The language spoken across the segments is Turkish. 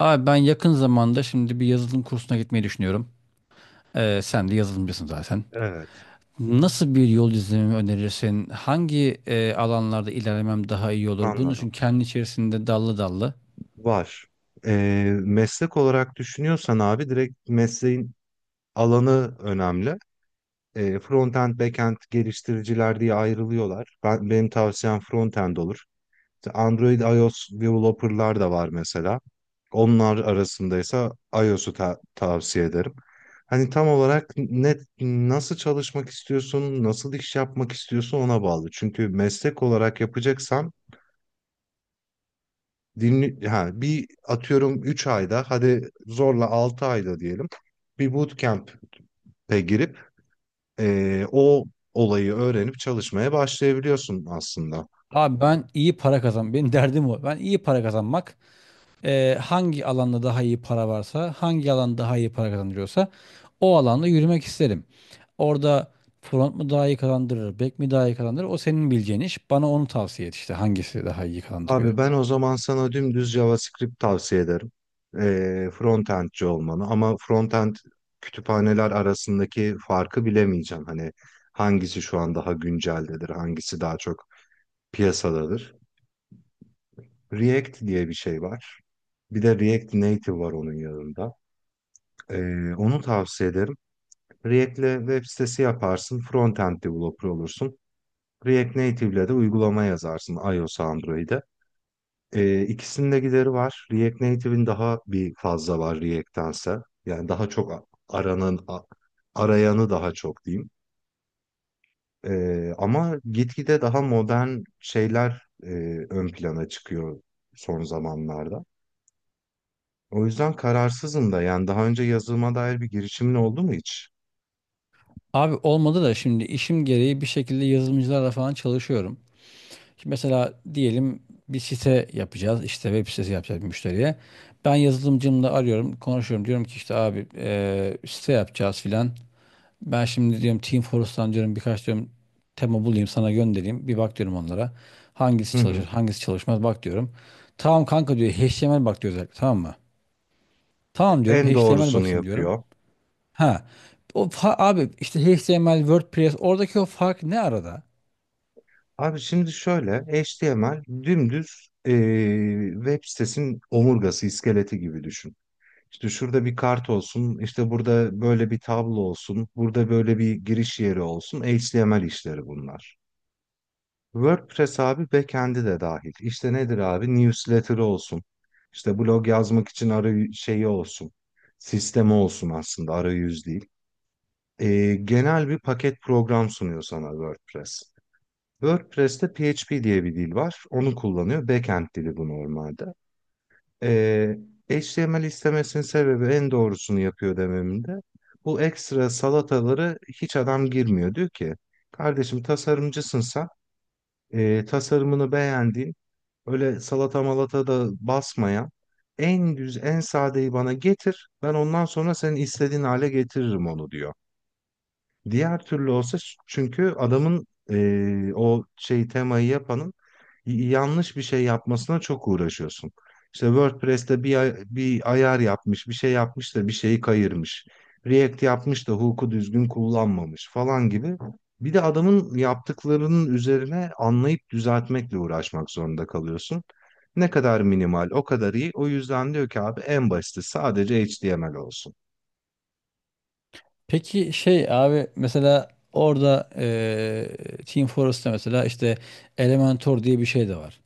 Abi ben yakın zamanda şimdi bir yazılım kursuna gitmeyi düşünüyorum. Sen de yazılımcısın zaten. Evet, Nasıl bir yol izlememi önerirsin? Hangi alanlarda ilerlemem daha iyi olur? Bunun anladım. için kendi içerisinde dallı dallı. Var. Meslek olarak düşünüyorsan abi direkt mesleğin alanı önemli. Frontend, backend geliştiriciler diye ayrılıyorlar. Benim tavsiyem frontend olur. İşte Android, iOS developerlar da var mesela. Onlar arasındaysa iOS'u tavsiye ederim. Hani tam olarak nasıl çalışmak istiyorsun, nasıl iş yapmak istiyorsun ona bağlı. Çünkü meslek olarak yapacaksan dinli ha bir atıyorum 3 ayda hadi zorla 6 ayda diyelim bir bootcamp'e girip o olayı öğrenip çalışmaya başlayabiliyorsun aslında. Abi ben iyi para kazan. Benim derdim o. Ben iyi para kazanmak. Hangi alanda daha iyi para varsa, hangi alan daha iyi para kazandırıyorsa o alanda yürümek isterim. Orada front mu daha iyi kazandırır, back mi daha iyi kazandırır? O senin bileceğin iş. Bana onu tavsiye et işte hangisi daha iyi kazandırıyor. Abi ben o zaman sana dümdüz JavaScript tavsiye ederim. Frontendci olmanı, ama frontend kütüphaneler arasındaki farkı bilemeyeceğim. Hani hangisi şu an daha günceldedir, hangisi daha çok piyasadadır. React diye bir şey var. Bir de React Native var onun yanında. Onu tavsiye ederim. React'le web sitesi yaparsın, frontend developer olursun. React Native'le de uygulama yazarsın iOS, Android'e. İkisinin de gideri var. React Native'in daha bir fazla var React'tense. Yani daha çok aranan, arayanı daha çok diyeyim. Ama gitgide daha modern şeyler ön plana çıkıyor son zamanlarda. O yüzden kararsızım da. Yani daha önce yazılıma dair bir girişimin oldu mu hiç? Abi olmadı da şimdi işim gereği bir şekilde yazılımcılarla falan çalışıyorum. Şimdi mesela diyelim bir site yapacağız. İşte web sitesi yapacağız bir müşteriye. Ben yazılımcımla arıyorum, konuşuyorum. Diyorum ki işte abi site yapacağız filan. Ben şimdi diyorum Teamfortress'tan diyorum birkaç diyorum tema bulayım sana göndereyim. Bir bak diyorum onlara. Hangisi Hı çalışır, hı. hangisi çalışmaz bak diyorum. Tamam kanka diyor HTML bak diyor özellikle tamam mı? Tamam diyorum En HTML doğrusunu bakayım diyorum. yapıyor. Ha. O fa- abi işte HTML, WordPress oradaki o fark ne arada? Abi şimdi şöyle, HTML dümdüz, web sitesinin omurgası, iskeleti gibi düşün. İşte şurada bir kart olsun, işte burada böyle bir tablo olsun, burada böyle bir giriş yeri olsun. HTML işleri bunlar. WordPress abi backend'i de dahil. İşte nedir abi? Newsletter olsun. İşte blog yazmak için arayüz şeyi olsun. Sistemi olsun aslında, arayüz değil. Genel bir paket program sunuyor sana WordPress. WordPress'te PHP diye bir dil var. Onu kullanıyor. Backend dili bu normalde. Ee, HTML istemesinin sebebi en doğrusunu yapıyor dememde. Bu ekstra salataları hiç adam girmiyor. Diyor ki kardeşim tasarımcısın sen. Tasarımını beğendiğin, öyle salata malata da basmayan, en düz en sadeyi bana getir. Ben ondan sonra senin istediğin hale getiririm onu diyor. Diğer türlü olsa, çünkü adamın, o şey temayı yapanın yanlış bir şey yapmasına çok uğraşıyorsun. İşte WordPress'te bir ayar yapmış, bir şey yapmış da bir şeyi kayırmış. React yapmış da hook'u düzgün kullanmamış falan gibi. Bir de adamın yaptıklarının üzerine anlayıp düzeltmekle uğraşmak zorunda kalıyorsun. Ne kadar minimal, o kadar iyi. O yüzden diyor ki abi en basiti sadece HTML olsun. Peki şey abi mesela orada Team Fortress'ta mesela işte Elementor diye bir şey de var.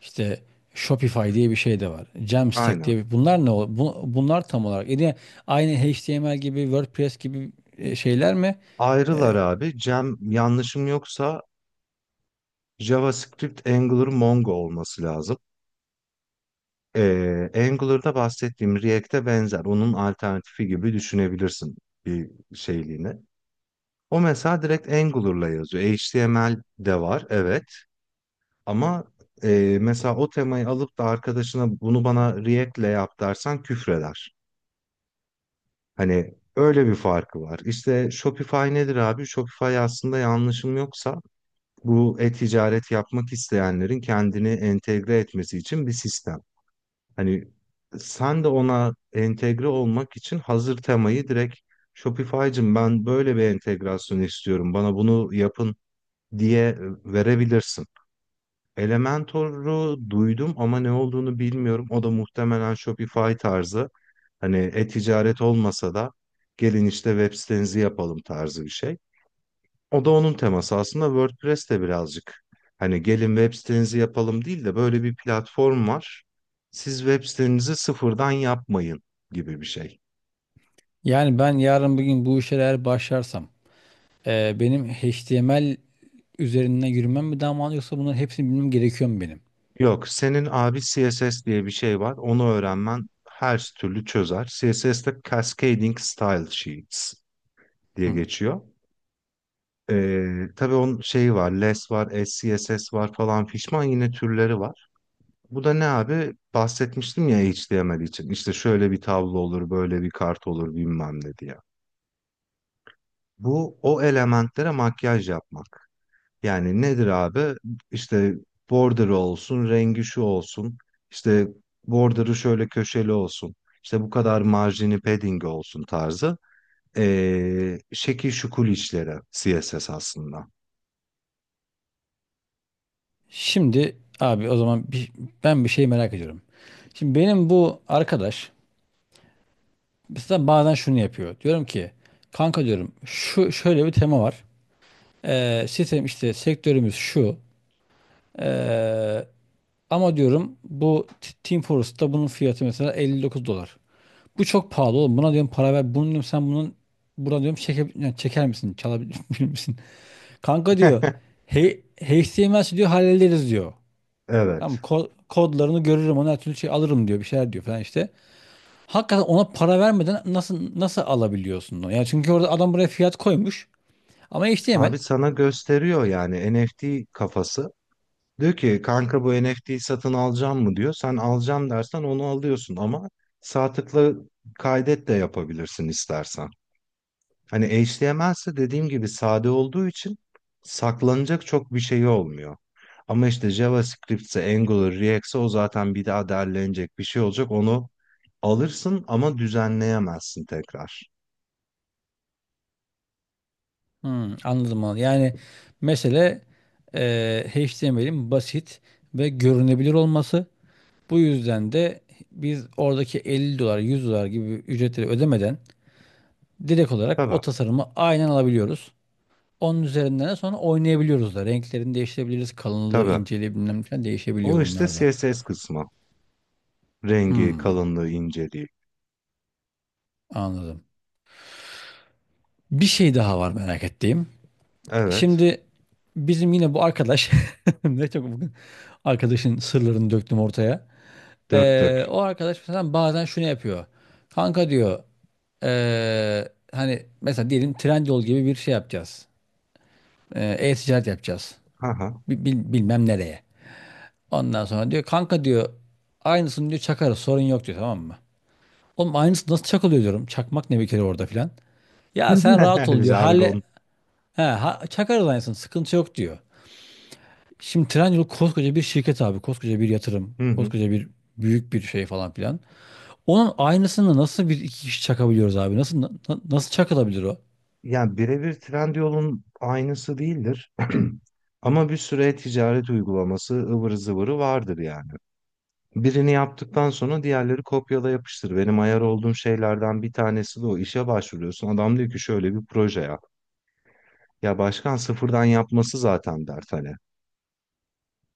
İşte Shopify diye bir şey de var. Jamstack Aynen. diye bir, bunlar ne ol- bu- bunlar tam olarak yine aynı HTML gibi WordPress gibi şeyler mi? E, Ayrılar abi. Cem, yanlışım yoksa JavaScript, Angular, Mongo olması lazım. Angular'da bahsettiğim React'e benzer. Onun alternatifi gibi düşünebilirsin bir şeyliğini. O mesela direkt Angular'la yazıyor. HTML de var, evet. Ama mesela o temayı alıp da arkadaşına bunu bana React'le yap dersen küfreder. Hani öyle bir farkı var. İşte Shopify nedir abi? Shopify aslında yanlışım yoksa bu e-ticaret yapmak isteyenlerin kendini entegre etmesi için bir sistem. Hani sen de ona entegre olmak için hazır temayı direkt, Shopify'cım ben böyle bir entegrasyon istiyorum, bana bunu yapın diye verebilirsin. Elementor'u duydum ama ne olduğunu bilmiyorum. O da muhtemelen Shopify tarzı. Hani e-ticaret olmasa da gelin işte web sitenizi yapalım tarzı bir şey. O da onun teması. Aslında WordPress de birazcık, hani gelin web sitenizi yapalım değil de, böyle bir platform var. Siz web sitenizi sıfırdan yapmayın gibi bir şey. Yani ben yarın bugün bu işe eğer başlarsam benim HTML üzerinden yürümem mi daha mantıklı yoksa bunların hepsini bilmem gerekiyor mu benim? Yok, senin abi CSS diye bir şey var. Onu öğrenmen her türlü çözer. CSS'de Cascading Style Sheets diye Hı. geçiyor. Tabii onun şeyi var, less var, SCSS var falan fişman, yine türleri var. Bu da ne abi? Bahsetmiştim ya HTML için. İşte şöyle bir tablo olur, böyle bir kart olur bilmem ne diye. Bu, o elementlere makyaj yapmak. Yani nedir abi? İşte border olsun, rengi şu olsun. İşte border'ı şöyle köşeli olsun. İşte bu kadar marjini, padding olsun tarzı. Şekil şukul işleri CSS aslında. Şimdi abi o zaman bir, ben bir şey merak ediyorum. Şimdi benim bu arkadaş mesela bazen şunu yapıyor. Diyorum ki kanka diyorum şu şöyle bir tema var. Sistem işte sektörümüz şu. Ee, Ama diyorum bu Team Fortress'ta bunun fiyatı mesela 59 dolar. Bu çok pahalı oğlum. Buna diyorum para ver. Bunu diyorum sen bunun buna diyorum çeke, yani çeker misin? Çalabilir misin? Kanka diyor. Hey, HTML'si diyor hallederiz diyor. Tamam Evet. Kodlarını görürüm ona her türlü şey alırım diyor bir şeyler diyor falan işte. Hakikaten ona para vermeden nasıl alabiliyorsun onu? Yani çünkü orada adam buraya fiyat koymuş ama HTML. Abi sana gösteriyor yani, NFT kafası. Diyor ki kanka bu NFT'yi satın alacağım mı diyor. Sen alacağım dersen onu alıyorsun ama sağ tıkla kaydet de yapabilirsin istersen. Hani HTML ise dediğim gibi sade olduğu için saklanacak çok bir şey olmuyor. Ama işte JavaScript'se, Angular, React'se, o zaten bir daha derlenecek bir şey olacak. Onu alırsın ama düzenleyemezsin tekrar. Hmm, anladım anladım. Yani mesele HTML'in basit ve görünebilir olması. Bu yüzden de biz oradaki 50 dolar 100 dolar gibi ücretleri ödemeden direkt olarak Tabii, o tasarımı aynen alabiliyoruz. Onun üzerinden de sonra oynayabiliyoruz da. Renklerini değiştirebiliriz. Kalınlığı, tabii. inceliği bilmem ne falan değişebiliyor O işte bunlar da. CSS kısmı. Rengi, Hmm, kalınlığı, inceliği. anladım. Bir şey daha var merak ettiğim. Evet. Şimdi bizim yine bu arkadaş ne çok bugün arkadaşın sırlarını döktüm ortaya. Dök dök. O arkadaş mesela bazen şunu yapıyor. Kanka diyor hani mesela diyelim Trendyol gibi bir şey yapacağız. E-ticaret yapacağız. Haha. Bilmem nereye. Ondan sonra diyor kanka diyor aynısını diyor çakarız sorun yok diyor tamam mı? Oğlum aynısı nasıl çakılıyor diyorum. Çakmak ne bir kere orada filan. Ya sen rahat ol diyor. Jargon. He, ha, çakar alliance'ın sıkıntı yok diyor. Şimdi Trendyol koskoca bir şirket abi. Koskoca bir yatırım. Hı hı. Koskoca bir büyük bir şey falan filan. Onun aynısını nasıl bir iki kişi çakabiliyoruz abi? Nasıl nasıl çakılabilir o? Yani birebir Trendyol'un aynısı değildir. Ama bir süre ticaret uygulaması ıvırı zıvırı vardır yani. Birini yaptıktan sonra diğerleri kopyala yapıştır. Benim ayar olduğum şeylerden bir tanesi de o. İşe başvuruyorsun. Adam diyor ki şöyle bir proje yap. Ya başkan, sıfırdan yapması zaten dert hani.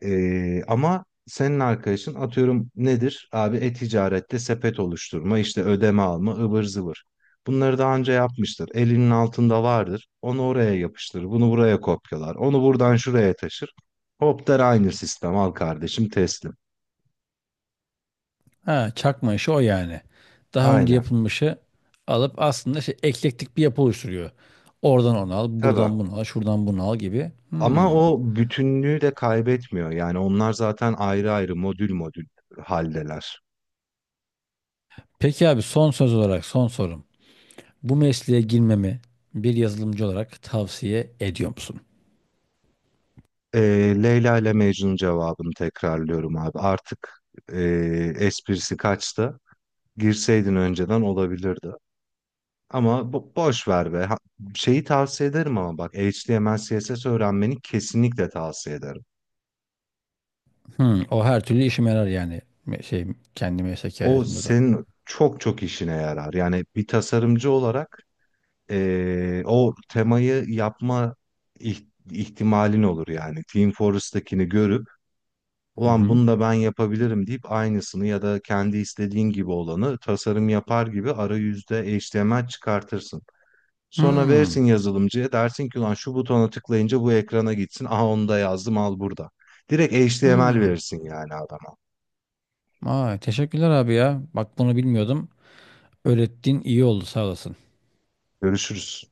Ama senin arkadaşın, atıyorum, nedir? Abi e-ticarette sepet oluşturma, işte ödeme alma, ıvır zıvır. Bunları daha önce yapmıştır. Elinin altında vardır. Onu oraya yapıştırır. Bunu buraya kopyalar. Onu buradan şuraya taşır. Hop der, aynı sistem. Al kardeşim, teslim. Ha, çakma işi o yani. Daha önce Aynen. yapılmışı alıp aslında şey, eklektik bir yapı oluşturuyor. Oradan onu al, buradan Tabii. bunu al, şuradan bunu al gibi. Ama Hmm. o bütünlüğü de kaybetmiyor. Yani onlar zaten ayrı ayrı modül modül haldeler. Peki abi son söz olarak son sorum. Bu mesleğe girmemi bir yazılımcı olarak tavsiye ediyor musun? Ee, Leyla ile Mecnun cevabını tekrarlıyorum abi. Artık esprisi kaçtı. Girseydin önceden olabilirdi. Ama boş ver be. Şeyi tavsiye ederim, ama bak HTML CSS öğrenmeni kesinlikle tavsiye ederim. Hı, o her türlü işime yarar yani. Şey kendi mesleki O hayatımda da. senin çok çok işine yarar. Yani bir tasarımcı olarak o temayı yapma ihtimalin olur yani. Team Fortress'takini görüp, Hı ulan hı. bunu da ben yapabilirim deyip, aynısını ya da kendi istediğin gibi olanı tasarım yapar gibi arayüzde HTML çıkartırsın. Sonra Hı, verirsin yazılımcıya, dersin ki ulan şu butona tıklayınca bu ekrana gitsin. Aha onu da yazdım, al burada. Direkt HTML hı. verirsin yani adama. Ay, teşekkürler abi ya. Bak bunu bilmiyordum. Öğrettiğin iyi oldu sağ olasın. Görüşürüz.